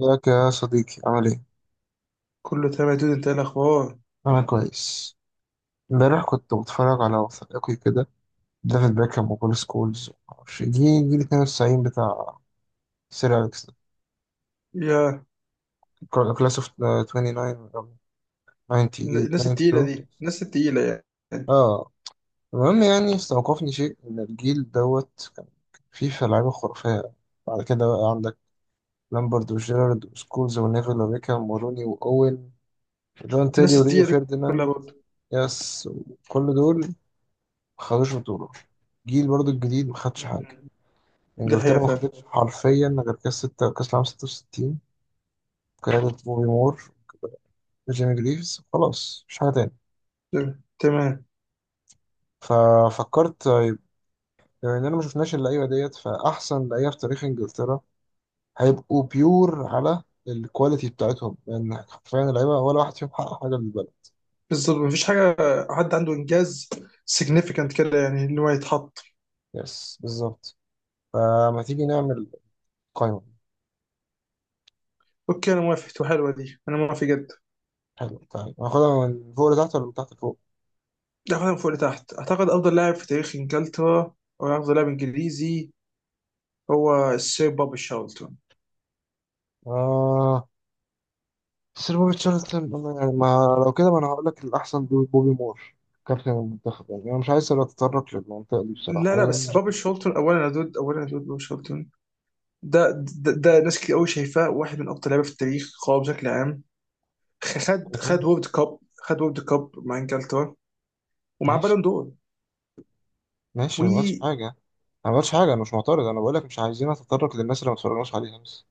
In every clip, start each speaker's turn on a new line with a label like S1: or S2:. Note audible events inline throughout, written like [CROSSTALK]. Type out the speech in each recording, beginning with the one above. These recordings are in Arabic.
S1: ازيك يا صديقي؟ عامل ايه؟
S2: كله تمام يا دود، انت ايه الاخبار؟
S1: انا كويس. امبارح كنت بتفرج على وثائقي كده، ديفيد بيكهام وبول سكولز، معرفش جيل 92 بتاع سير اليكس،
S2: يا
S1: كلاس اوف 29 أو
S2: الن-
S1: 90،
S2: الناس التقيله
S1: 92.
S2: دي الناس التقيله يعني
S1: اه المهم يعني استوقفني شيء ان الجيل دوت كان فيه لعيبه خرافيه. بعد كده بقى عندك لامبرد وجيرارد وسكولز ونيفل وبيكهام وروني واوين وجون تيري
S2: الناس
S1: وريو
S2: التقيله دي كلها
S1: فيرديناند.
S2: برضه.
S1: يس، كل دول ما خدوش بطولة. جيل برضو الجديد ما خدش
S2: مم.
S1: حاجة.
S2: دي حقيقه
S1: انجلترا ما
S2: فعلا.
S1: خدتش حرفيا غير كاس ستة، كاس العالم 66 قيادة بوبي مور، جيمي جريفز، خلاص مش حاجة تاني.
S2: تمام تمام.
S1: ففكرت طيب، بما اننا ما شفناش اللعيبة ديت، فأحسن لعيبة في تاريخ انجلترا هيبقوا بيور على الكواليتي بتاعتهم، لأن حرفيا اللعيبة ولا واحد فيهم حقق حاجة للبلد.
S2: بالظبط مفيش حاجه، حد عنده انجاز significant كده، يعني ان هو يتحط.
S1: يس بالظبط. فما تيجي نعمل قائمة.
S2: اوكي انا موافق، تبقى حلوه دي، انا موافق جدا.
S1: حلو، تعالى هناخدها من فوق لتحت ولا من تحت لفوق؟
S2: ناخدها من فوق لتحت. اعتقد افضل لاعب في تاريخ انجلترا، او افضل لاعب انجليزي، هو السير بوبي شارلتون.
S1: آه، بس بوبي تشارلتون أنا يعني ما لو كده، ما انا هقول لك الاحسن دول بوبي مور، كابتن المنتخب. يعني انا مش عايز اتطرق للمنطقه دي بصراحه،
S2: لا لا،
S1: عايز
S2: بس
S1: أنا
S2: بوبي
S1: [LAUGHS]
S2: شارلتون اولا يا دود، اولا يا دود بوبي شارلتون. ده ده ناس كتير قوي شايفاه واحد من اقوى لعيبه في التاريخ، قوي بشكل عام. خد
S1: أنا
S2: خد
S1: فاهم.
S2: وورد كاب، خد وورد كاب مع انجلترا ومع
S1: ماشي
S2: بالون دور.
S1: ماشي، أنا ما بقولش حاجه. ما بقولش حاجه، انا مش معترض، انا بقول لك مش عايزين اتطرق للناس اللي ما اتفرجناش عليها بس.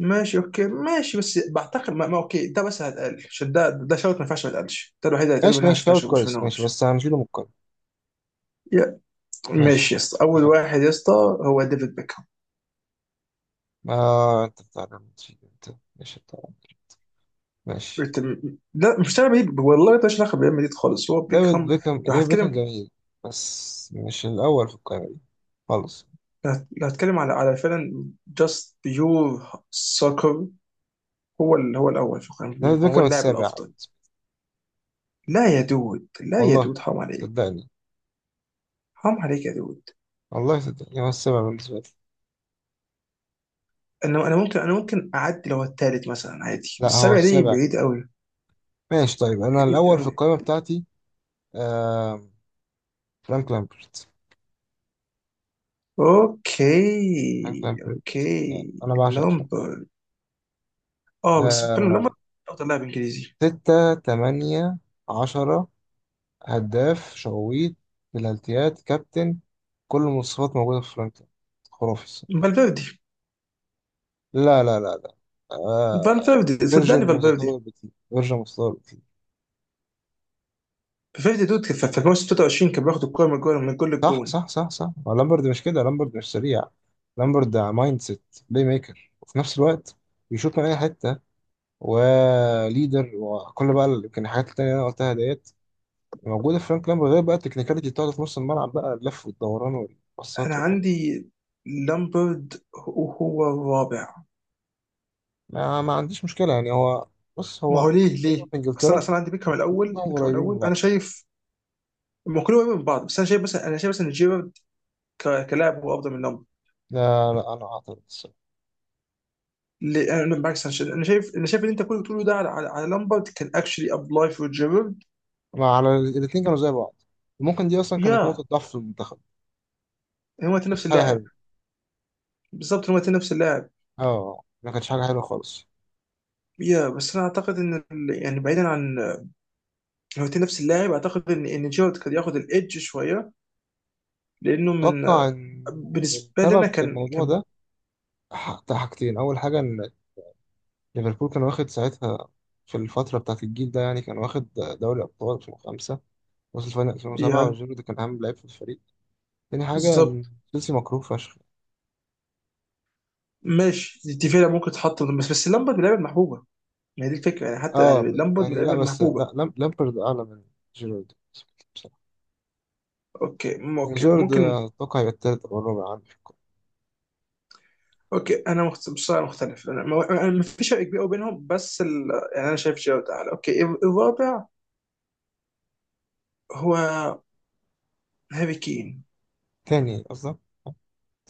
S2: وماشي اوكي ماشي، بس بعتقد ما اوكي، ده بس هيتقل عشان ده، ده شرط، ما ينفعش ما يتقلش، ده الوحيد اللي هيتقل
S1: ماشي
S2: منها، ما
S1: ماشي،
S2: شفناش
S1: شوت
S2: ما
S1: كويس، ماشي
S2: شفناهوش.
S1: بس هنشيله من القايمه.
S2: يا-
S1: ماشي،
S2: ماشي يا اسطى، اول
S1: اتفقنا.
S2: واحد يا اسطى هو ديفيد بيكهام.
S1: آه انت بتعلم تشيل، انت ماشي بتاع. ماشي.
S2: لا مش ريال مدريد والله، ده مش علاقه بريال مدريد خالص، هو
S1: ديفيد
S2: بيكهام.
S1: بيكهام،
S2: لو
S1: ديفيد بيكهام
S2: هتكلم،
S1: جميل، بس مش الاول في القايمه دي خالص.
S2: لو هتكلم على فعلا جاست بيور سوكر، هو الأول، شكرا،
S1: ديفيد
S2: هو
S1: بيكهام
S2: اللاعب
S1: السابع.
S2: الأفضل. لا يا دود، لا يا
S1: والله
S2: دود، حرام عليك.
S1: صدقني،
S2: حرام عليك يا دود.
S1: والله صدقني هو السابع بالنسبة لي.
S2: أنا ممكن، أنا ممكن أعدي لو التالت مثلا، عادي،
S1: لا، هو
S2: السبعة دي
S1: السابع.
S2: بعيد أوي،
S1: ماشي طيب، أنا
S2: بعيد
S1: الأول في
S2: أوي.
S1: القائمة بتاعتي آه، فرانك لامبرت. فرانك
S2: أوكي
S1: لامبرت آه،
S2: أوكي
S1: أنا بعشق فرانك. آه،
S2: لامبر أفضل لاعب إنجليزي.
S1: ستة، تمانية، عشرة، هداف، شويت بلالتيات، كابتن، كل المواصفات موجودة في فرانك لامبرت. خرافي الصراحة.
S2: فالفيردي.
S1: لا لا لا لا، آه.
S2: فالفيردي
S1: فيرجن
S2: صدقني، فالفيردي.
S1: متطور بكتير، فيرجن متطور.
S2: فالفيردي دود كان في الموسم 23 كان بياخد الكورة من الجول، من كل
S1: صح
S2: الجون.
S1: صح صح صح، هو لامبرد مش كده، لامبرد مش سريع. لامبرد مايند سيت، بلاي ميكر، وفي نفس الوقت بيشوط من اي حته، وليدر، وكل بقى يمكن الحاجات التانية اللي انا قلتها ديت موجوده في فرانك لامبرد، غير بقى التكنيكاليتي بتاعته في نص الملعب بقى، اللف والدوران والباصات
S2: أنا
S1: والحاجات دي.
S2: عندي لامبرد هو، هو الرابع.
S1: ما عنديش مشكله، يعني هو، بص
S2: ما
S1: هو
S2: هو ليه
S1: لعيبه
S2: ليه؟
S1: في
S2: اصل انا
S1: انجلترا،
S2: اصلا عندي بيكهام الاول،
S1: كلهم
S2: بيكهام
S1: قريبين من
S2: الاول انا
S1: بعض.
S2: شايف. هم كلهم قريبين من بعض، بس انا شايف مثلا، انا شايف مثلا جيرارد كلاعب هو افضل من لامبرد.
S1: لا لا، انا اعترض الصراحه.
S2: ليه؟ انا بالعكس، انا شايف انا شايف أنا شايف اللي انت كله بتقوله ده على على لامبرد، كان اكشلي ابلاي فور جيرارد.
S1: ما على الاثنين كانوا زي بعض، ممكن دي اصلا كانت نقطه
S2: يا
S1: ضعف في المنتخب.
S2: هما الاتنين
S1: كانت
S2: نفس
S1: حاجه
S2: اللاعب.
S1: حلوه.
S2: بالظبط، هما الاتنين نفس اللاعب.
S1: اه، ما كانتش حاجه حلوه خالص.
S2: يا بس انا اعتقد ان يعني، بعيدا عن، هو الاتنين نفس اللاعب، اعتقد ان جيرارد كان ياخد الايدج شويه، لانه من،
S1: أتوقع إن
S2: بالنسبه لنا
S1: السبب في
S2: كان
S1: الموضوع
S2: كان.
S1: ده حاجتين. أول حاجة إن ليفربول كان واخد ساعتها، في الفترة بتاعة الجيل ده يعني، كان واخد دوري أبطال 2005، وصل فاينل 2007،
S2: يا.
S1: وجيرو كان أهم لعيب في الفريق. تاني حاجة إن
S2: بالظبط.
S1: تشيلسي مكروه فشخ.
S2: ماشي دي فعلا ممكن تتحط، بس لامبرد من اللعيبه المحبوبه. ما هي دي الفكره يعني، حتى
S1: أه،
S2: يعني لامبرد من
S1: يعني
S2: اللعيبه
S1: لا بس
S2: المحبوبه.
S1: لا لامبرد أعلى من جيرارد بصراحة. يعني
S2: اوكي
S1: جيرارد
S2: ممكن.
S1: أتوقع يبقى التالت أو الرابع عندي في القائمة.
S2: اوكي انا بصراحه مختلف، انا ما في فرق كبير قوي بينهم، بس يعني انا شايف جيرارد اعلى. اوكي الرابع هو هاري كين.
S1: تاني قصدك؟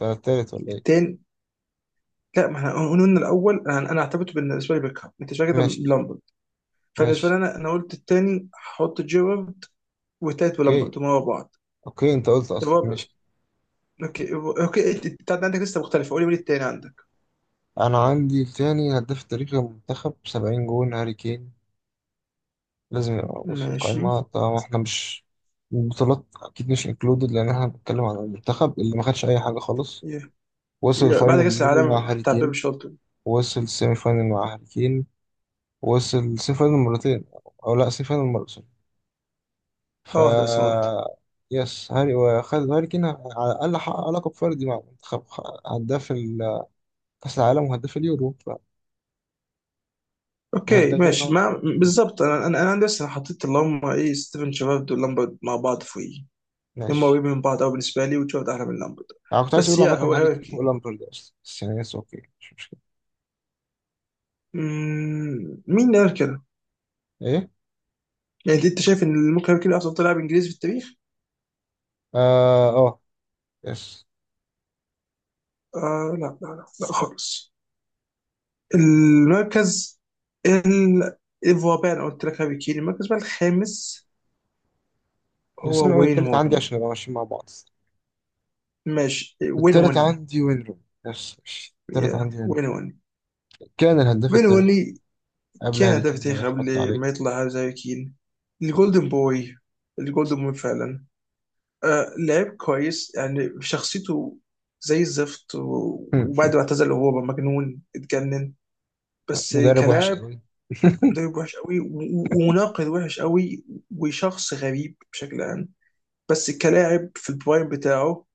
S1: التالت ولا إيه؟
S2: التاني، لا ما احنا قلنا الاول، انا اعتبرته بالنسبه لي بيكهام، انت شايف كده
S1: ماشي
S2: لامبرد، فبالنسبه
S1: ماشي.
S2: لي انا قلت التاني هحط جيرارد، والتالت
S1: أوكي
S2: ولامبرد هم ورا بعض.
S1: أوكي، أنت قلت أصلا
S2: الرابع.
S1: ماشي.
S2: اوكي اوكي انت، أنت عندك لسه مختلفه، قولي التاني عندك.
S1: انا عندي تاني هداف تاريخي المنتخب 70 جون هاري كين، لازم يبقى موجود في
S2: ماشي.
S1: القائمة طبعا. احنا مش البطولات اكيد، مش انكلودد، لان احنا بنتكلم عن المنتخب اللي ما خدش اي حاجة خالص.
S2: يا-
S1: وصل
S2: بعد
S1: الفاينل
S2: كاس
S1: اليورو
S2: العالم
S1: مع هاري
S2: بتاع بيب
S1: كين،
S2: شولت،
S1: وصل السيمي فاينل مع هاري كين، وصل السيمي فاينل مرتين، او لا، سيمي فاينل مرة، سوري. ف
S2: اه ده سمعت.
S1: يس، هاري وخد، هاري كين على الاقل حقق لقب فردي مع المنتخب، هداف كاس العالم وهداف اليورو.
S2: اوكي
S1: فالهدافين
S2: ماشي
S1: هو.
S2: ما، بالظبط، انا لسه حطيت اللي هم ايه، ستيفن شيرارد ولامبرد مع بعض في، هم
S1: ماشي،
S2: قريبين من بعض قوي بالنسبه لي، وشيرارد احلى من لامبرد.
S1: انا كنت عايز
S2: بس
S1: اقول
S2: يا،
S1: عامة
S2: هو
S1: هاري
S2: هاري
S1: كين فوق
S2: كين.
S1: لامبرد اصلا السنة، بس يعني يس، اوكي، مش مشكلة.
S2: مم، مين اللي قال كده؟
S1: ايه؟
S2: يعني انت شايف ان ممكن هاري كين افضل لاعب انجليزي في التاريخ؟
S1: اه اه، يس.
S2: آه لا لا لا خالص. المركز، ال الرابع انا قلت لك هاري كين، المركز بقى الخامس
S1: بس انا
S2: هو
S1: اقول
S2: وين
S1: التالت عندي
S2: هوني.
S1: عشان نبقى ماشيين مع بعض.
S2: ماشي وين
S1: التالت
S2: هوني،
S1: عندي وين روني، يس ماشي، التالت
S2: يا
S1: عندي وين روني.
S2: وين هوني،
S1: كان الهداف التاريخي
S2: بينوني،
S1: قبل
S2: كان
S1: هاري
S2: ده
S1: كين ما
S2: في
S1: يحط
S2: قبل
S1: عليه.
S2: ما يطلع زي كين. الجولدن بوي، الجولدن بوي فعلا. آه لعب كويس، يعني شخصيته زي الزفت،
S1: هم.
S2: وبعد ما اعتزل هو بقى مجنون، اتجنن. بس
S1: مدرب وحش
S2: كلاعب،
S1: قوي. [LAUGHS]
S2: مدرب وحش قوي، ومناقد وحش قوي، وشخص غريب بشكل عام. بس كلاعب في البرايم بتاعه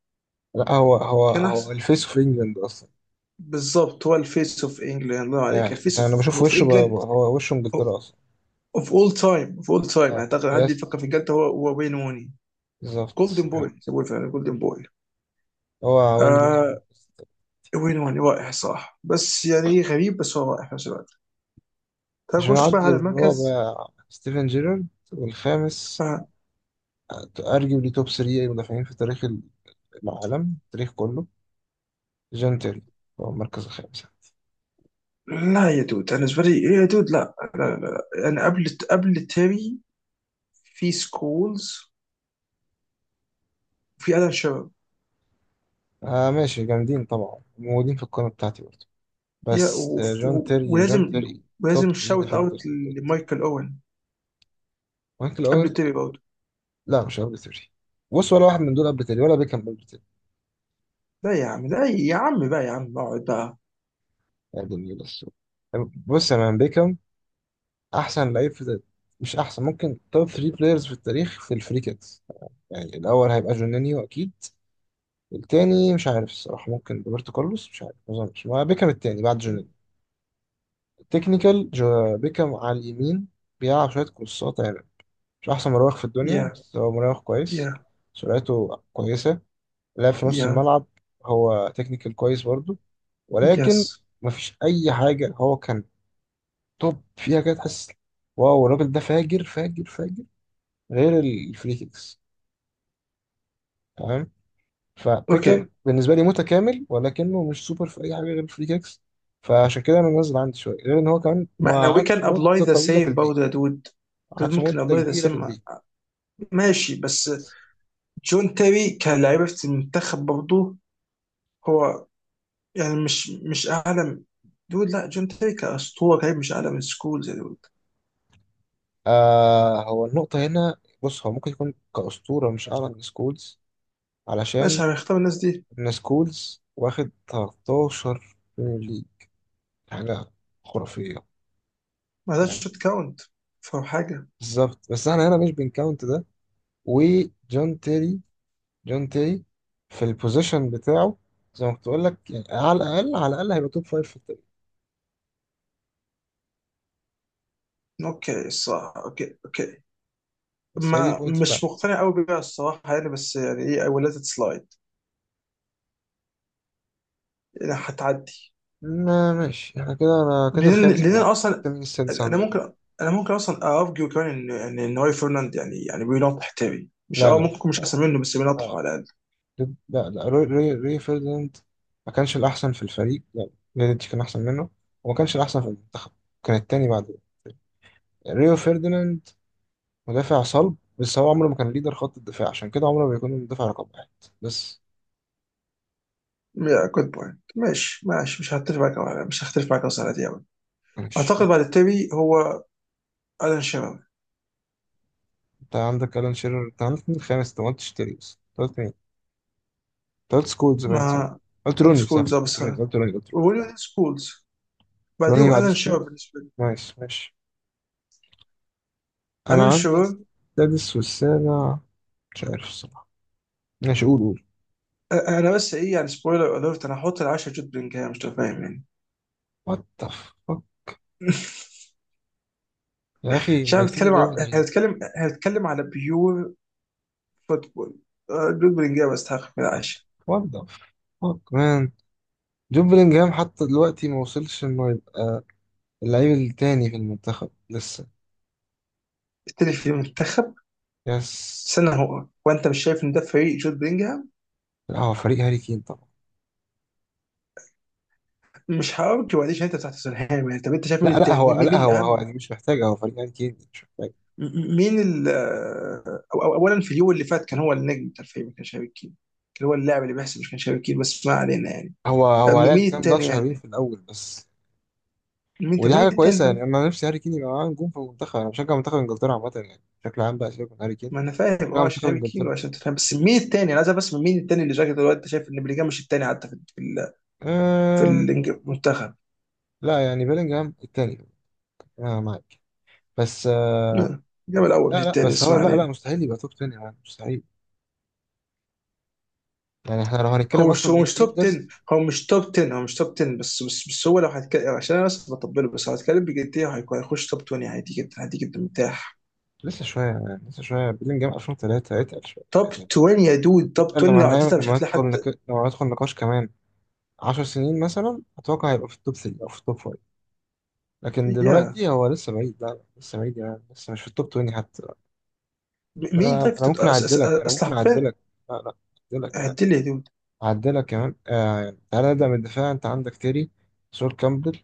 S1: لا، هو هو
S2: كان
S1: هو
S2: احسن.
S1: الفيس في انجلاند اصلا.
S2: بالظبط، هو الفيس اوف انجلاند، الله عليك،
S1: يعني انت، انا
S2: الفيس
S1: بشوف
S2: اوف
S1: وشه
S2: انجلاند.
S1: هو وشه انجلترا اصلا.
S2: اوف اول تايم، اوف اول تايم
S1: اه
S2: اعتقد حد يفكر
S1: يس،
S2: في الجلد، هو وين روني.
S1: بالظبط.
S2: جولدن
S1: يعني
S2: بوي سموه، فعلا جولدن بوي.
S1: هو وين روني.
S2: آه وين، وين رائع صح، بس يعني إيه، غريب، بس هو رائع في نفس الوقت.
S1: عشان
S2: تخش بقى
S1: عندي
S2: على المركز.
S1: الرابع ستيفن جيرارد، والخامس
S2: آه
S1: ارجيولي، توب 3 مدافعين في تاريخ العالم، التاريخ كله، جون تيري هو المركز الخامس.
S2: لا يا دود، انا بالنسبه لي إيه يا دود، لا لا لا. انا قبل، قبل تيري في سكولز وفي الان شيرر.
S1: آه ماشي، جامدين طبعا، موجودين في القائمة بتاعتي برضه،
S2: يا
S1: بس آه، جون تيري جون
S2: ولازم،
S1: تيري توب
S2: ولازم
S1: 3
S2: شاوت اوت
S1: ديفندرز.
S2: لمايكل اوين
S1: مايكل
S2: قبل
S1: اوين،
S2: تيري برضه.
S1: لا مش قبل تيري. بص، ولا واحد من دول قبل تيري، ولا بيكهام قبل تيري.
S2: لا يا عم، لا يا عم بقى، يا عم اقعد بقى.
S1: يا دنيا بس. بص يا مان، بيكهام احسن لعيب في ده. مش احسن، ممكن توب 3 بلايرز في التاريخ في الفري كيكس. يعني الاول هيبقى جونينيو اكيد. التاني مش عارف الصراحة، ممكن روبرتو كارلوس، مش عارف، ما اظنش، ما بيكهام التاني بعد جونيور. التكنيكال جو بيكهام على اليمين، بيلعب شوية كورسات يعني. مش أحسن مراوغ في الدنيا،
S2: يا
S1: بس هو مراوغ كويس.
S2: يا
S1: سرعته كويسة، لعب في نص
S2: يا
S1: الملعب، هو تكنيكال كويس برضه،
S2: يس
S1: ولكن مفيش أي حاجة هو كان توب فيها كده تحس واو الراجل ده فاجر فاجر فاجر غير الفري كيكس.
S2: اوكي،
S1: فبيكر بالنسبه لي متكامل، ولكنه مش سوبر في اي حاجه غير الفري كيكس. فعشان كده انا منزل عندي شويه، غير ان هو كمان
S2: ما
S1: ما
S2: احنا we can
S1: قعدش
S2: apply
S1: مده
S2: the
S1: طويله في
S2: same about
S1: البيك،
S2: the dude،
S1: ما
S2: ده
S1: قعدش
S2: ممكن
S1: مده
S2: ابلاي ذا
S1: كبيره في
S2: سيم.
S1: البيك.
S2: ماشي بس جون تيري كلاعب في المنتخب برضه هو، يعني مش مش اعلى، دول لا جون تيري كاسطوره لعيب، مش اعلى من سكولز يا دود.
S1: آه، هو النقطه هنا، بص هو ممكن يكون كاسطوره، مش اعلى من سكولز،
S2: ماشي
S1: علشان
S2: هنختار الناس دي.
S1: ان سكولز واخد 13 بريمير ليج، حاجه خرافيه.
S2: ما ذاتش
S1: فاهم،
S2: تكاونت. فاهم حاجه.
S1: بالظبط، بس احنا هنا مش بنكاونت ده. وجون تيري، جون تيري في البوزيشن بتاعه، زي ما كنت بقول لك يعني، على الاقل على الاقل هيبقى توب فايف في التاريخ.
S2: اوكي الصراحه، اوكي اوكي
S1: بس هي دي
S2: ما،
S1: البوينت
S2: مش
S1: بتاعتي.
S2: مقتنع قوي بيها الصراحه يعني، بس يعني ايه I will let it slide، يعني هتعدي.
S1: ما ماشي، احنا كده، انا كده
S2: لان
S1: الخامس
S2: لان
S1: معاك.
S2: أنا اصلا،
S1: انت مين السادس
S2: انا
S1: عندك بقى؟
S2: ممكن، انا ممكن اصلا ارجو كمان ان هو فرناند يعني، يعني بينطح تاني مش،
S1: لا
S2: اه
S1: لا
S2: ممكن يكون مش احسن منه، بس
S1: آه،
S2: بينطحه على
S1: لا. لا روي، روي فيرديناند ما كانش الاحسن في الفريق، لا فيديتش كان احسن منه، وما كانش الاحسن في المنتخب، كان التاني بعده. ريو فيرديناند مدافع صلب، بس هو عمره ما كان ليدر خط الدفاع، عشان كده عمره ما بيكون المدافع رقم واحد بس.
S2: الاقل، جود بوينت. ماشي ماشي، مش هختلف معاك أوي، مش هختلف معاك اصلا على دي أوي.
S1: ماشي،
S2: اعتقد بعد التابي هو الان شيرر،
S1: انت عندك الان شيرر، انت عندك مين الخامس؟ انت ما قلتش تيري، بس انت قلت مين؟ انت قلت سكولز، باين صح؟
S2: مع
S1: قلت روني صح؟
S2: سكولز
S1: قلت روني
S2: ابصر،
S1: قلت روني قلت روني.
S2: وويليام سكولز.
S1: روني،
S2: بعديهم
S1: بعديه
S2: الان شيرر
S1: سكولز.
S2: بالنسبه لي.
S1: ماشي ماشي.
S2: الان
S1: انا عندي
S2: شيرر.
S1: السادس والسابع مش عارف الصراحة. ماشي، قول قول.
S2: انا بس ايه يعني، سبويلر اليرت، انا هحط العشرة جود بلينجهام، مش فاهم يعني.
S1: وات ذا فك،
S2: [LAUGHS]
S1: يا اخي
S2: مش عارف،
S1: ميتين
S2: بتكلم
S1: ريال مدريد.
S2: هنتكلم على بيور فوتبول. آه، جود بلينجهام يستحق من العاشر.
S1: وات ذا فك مان، جون بلينجهام حتى دلوقتي ما وصلش انه يبقى اللعيب التاني في المنتخب لسه.
S2: التاني في المنتخب.
S1: يس.
S2: سنة، هو وانت مش شايف ان ده فريق جود بلينجهام؟
S1: لا، هو فريق هاري كين طبعا.
S2: مش هارجو عليه عشان انت بتاع توتنهام يعني، طب انت شايف مين
S1: لا لا
S2: التاني،
S1: هو،
S2: مين, مين
S1: لا
S2: مين
S1: هو
S2: الاهم؟
S1: يعني مش محتاج، هو فريق هاري كين، مش محتاج.
S2: مين ال، آه، أو أو اولا في اليوم اللي فات كان هو النجم بتاع الفريق، ما كانش هاري كين، كان هو اللاعب اللي بيحسب مش كان هاري كين، بس ما علينا يعني.
S1: هو
S2: آه،
S1: هو لعب
S2: مين
S1: كام
S2: التاني
S1: ماتش حلوين
S2: يعني،
S1: في الاول بس.
S2: مين، طب
S1: ودي
S2: مين
S1: حاجه
S2: التاني
S1: كويسه يعني،
S2: طيب.
S1: انا نفسي هاري كين يبقى معاه نجوم في المنتخب، انا بشجع منتخب انجلترا عامه، يعني بشكل عام، بقى سيبك من هاري كين.
S2: ما انا فاهم اه
S1: بشجع منتخب
S2: عشان هاري كين
S1: انجلترا.
S2: وعشان توتنهام، بس مين التاني انا عايز أعرف، بس مين التاني اللي شايف دلوقتي؟ انت شايف ان بلينجهام مش التاني حتى في في
S1: أم...
S2: المنتخب؟
S1: لا يعني بيلينجهام التاني، انا معاك، بس آه...
S2: لا، جاب الاول مش
S1: لا لا
S2: التاني،
S1: بس
S2: بس ما
S1: هو، لا لا،
S2: علينا.
S1: مستحيل يبقى توب 10، يعني مستحيل. يعني احنا لو
S2: هو
S1: هنتكلم
S2: مش
S1: اصلا
S2: هو مش توب
S1: ميدفيلدرز.
S2: 10 هو مش توب 10، هو مش توب 10 بس بس بس هو لو هيتكلم عشان انا بس بطبله، بس لو هيتكلم بجديه هيكون هيخش توب 20 عادي جدا، عادي جدا مرتاح.
S1: لسه شويه بيلينجهام 2003، اتقل شويه
S2: توب
S1: اتقل
S2: 20 يا دود، توب
S1: اتقل
S2: 20
S1: لما
S2: لو
S1: نعمل،
S2: عديتها مش
S1: لما
S2: هتلاقي
S1: ندخل
S2: حد.
S1: لما ندخل نقاش كمان 10 سنين مثلا، اتوقع هيبقى في التوب 3 او في التوب 5، لكن
S2: يا
S1: دلوقتي هو لسه بعيد، لا لا، لسه بعيد، يعني لسه مش في التوب 20 حتى.
S2: مين
S1: لا
S2: طيب
S1: انا
S2: في اصل
S1: ممكن
S2: حرفيا،
S1: اعدلك. لا لا، اعدلك
S2: عدي لي يا دود.
S1: كمان آه. تعالى نبدا من الدفاع، انت عندك تيري، سول كامبل،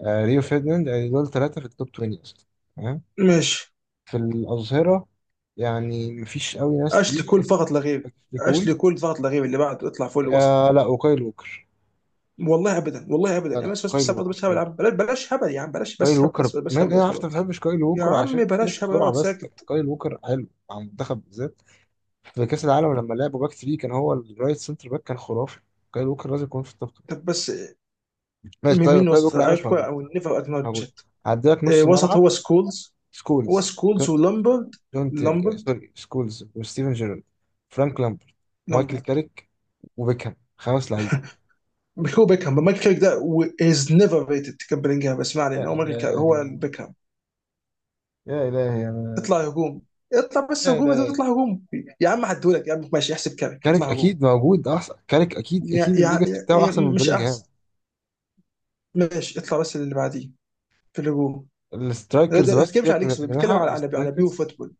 S1: آه ريو فيرديناند، يعني دول ثلاثه في التوب 20 اصلا، تمام.
S2: ماشي.
S1: في الاظهره يعني مفيش قوي ناس
S2: اشلي
S1: تقيله
S2: كول
S1: بس
S2: فقط لا غير،
S1: تكون
S2: اشلي كول فقط لا غير اللي بعده، اطلع فوق
S1: آه،
S2: الوسط.
S1: لا، وكايل ووكر.
S2: والله ابدا، والله
S1: لا
S2: ابدا،
S1: لا،
S2: بس
S1: كايل
S2: بس بس
S1: ووكر
S2: بس هبل
S1: كايل
S2: يا
S1: ووكر
S2: عم، بلاش بلاش هبل يا عم، بلاش،
S1: كايل
S2: بس هبل،
S1: ووكر
S2: بس بس
S1: مان،
S2: هبل،
S1: انا
S2: بس
S1: عارف انت
S2: هبل.
S1: ما بتحبش كايل
S2: يا
S1: ووكر
S2: عم
S1: عشان شايف
S2: بلاش هبل،
S1: بسرعه،
S2: اقعد
S1: بس لكن
S2: ساكت.
S1: كايل ووكر حلو مع المنتخب بالذات في كأس العالم، لما لعبوا باك 3 كان هو الرايت سنتر باك، كان خرافي. كايل ووكر لازم يكون في التوب 3.
S2: طب بس
S1: ماشي
S2: مين،
S1: طيب،
S2: مين
S1: كايل
S2: وسط
S1: ووكر عامل مش
S2: عارف كويس
S1: موجود.
S2: او نيفر
S1: موجود،
S2: اكنولجد؟
S1: هعدلك نص
S2: وسط
S1: ملعب:
S2: هو سكولز، هو
S1: سكولز، جون,
S2: سكولز ولامبرد.
S1: جون تيري آه،
S2: لامبرد،
S1: سوري، سكولز وستيفن جيرارد، فرانك لامبرت، مايكل
S2: لامبرد.
S1: كاريك، وبيكهام. خمس لعيبه.
S2: مش، هو بيكهام، مايكل كاريك ده، از نيفر ريتد، كان بلينجهام، اسمع
S1: يا
S2: لي هو مايكل كاريك، هو
S1: إلهي،
S2: بيكهام.
S1: يا إلهي أنا
S2: اطلع هجوم، اطلع بس
S1: يا
S2: هجوم يا دود،
S1: إلهي.
S2: اطلع هجوم. يا عم هدولك يا عم، ماشي احسب كاريك،
S1: كاريك
S2: اطلع هجوم.
S1: اكيد موجود، احسن، كاريك اكيد
S2: يا
S1: اكيد
S2: يا,
S1: الليجاسي بتاعه
S2: يا
S1: احسن من
S2: مش
S1: بيلينجهام.
S2: احسن. ماشي، اطلع بس اللي بعديه في الهجوم.
S1: السترايكرز،
S2: ما
S1: بس
S2: بتتكلمش على
S1: سيبك من
S2: ليكس، بيتكلم
S1: الاجنحه،
S2: على بيو
S1: السترايكرز.
S2: فوتبول.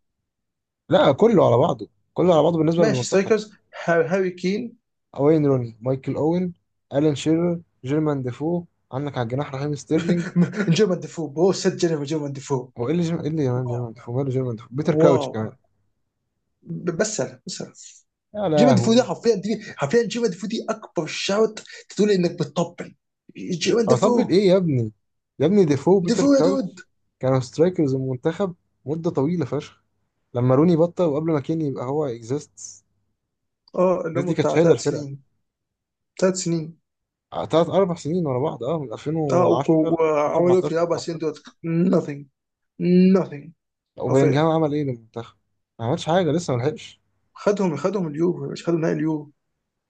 S1: لا، كله على بعضه، كله على بعضه بالنسبه
S2: ماشي
S1: للمنتخب:
S2: سترايكرز، هاري كين.
S1: وين روني، مايكل اوين، الان شيرر، جيرمان ديفو، عندك على الجناح رحيم ستيرلينج.
S2: نجوم ديفو، بو سجل نجوم ديفو.
S1: هو ايه اللي جيرمان، ايه اللي جيرمان
S2: واو
S1: جيرمان ديفو؟ ماله جيرمان ديفو؟ بيتر كراوتش
S2: واو،
S1: كمان.
S2: بس انا بس انا
S1: يا
S2: نجوم ديفو، ده
S1: لهوي،
S2: حرفيا، دي حرفيا نجوم ديفو، دي اكبر شوت تقول انك بتطبل. نجوم
S1: اطبل
S2: ديفو.
S1: ايه يا ابني؟ يا ابني ديفو وبيتر
S2: ديفو يا
S1: كراوتش
S2: دود.
S1: كانوا سترايكرز المنتخب مدة طويلة فشخ، لما روني بطل وقبل ما كين يبقى هو اكزيست.
S2: اه اللي
S1: الناس دي
S2: هم
S1: كانت
S2: بتاع
S1: شايلة
S2: ثلاث
S1: الفرقة،
S2: سنين، ثلاث سنين.
S1: تلات أربع سنين ورا بعض، اه، من
S2: اه
S1: 2010 ل
S2: وعملوا إيه في
S1: 2014 أو
S2: اربع سنين
S1: 15.
S2: دول؟ nothing، nothing.
S1: وبيلينجهام
S2: حرفيا.
S1: عمل ايه للمنتخب؟ ما عملش حاجة، لسه ما لحقش،
S2: خدهم، خدهم اليورو، مش خدهم نهائي اليورو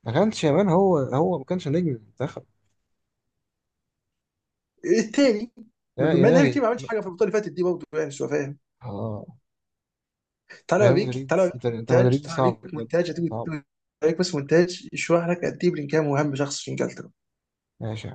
S1: ما كانش يا مان، هو ما كانش نجم المنتخب.
S2: التاني؟
S1: يا
S2: بما ان هاري كين
S1: إلهي.
S2: ما عملش حاجه في البطوله اللي فاتت دي برضه يعني شويه،
S1: اه
S2: طلع
S1: ريال
S2: بيك،
S1: مدريد،
S2: طلع بيك
S1: أنت
S2: مونتاج
S1: مدريدي
S2: طلع بيك
S1: صعب بجد،
S2: مونتاج هتيجي
S1: صعب.
S2: تقول، طلع بيك بس مونتاج يشرح لك قد ايه بلينجهام مهم شخص في انجلترا.
S1: ماشي.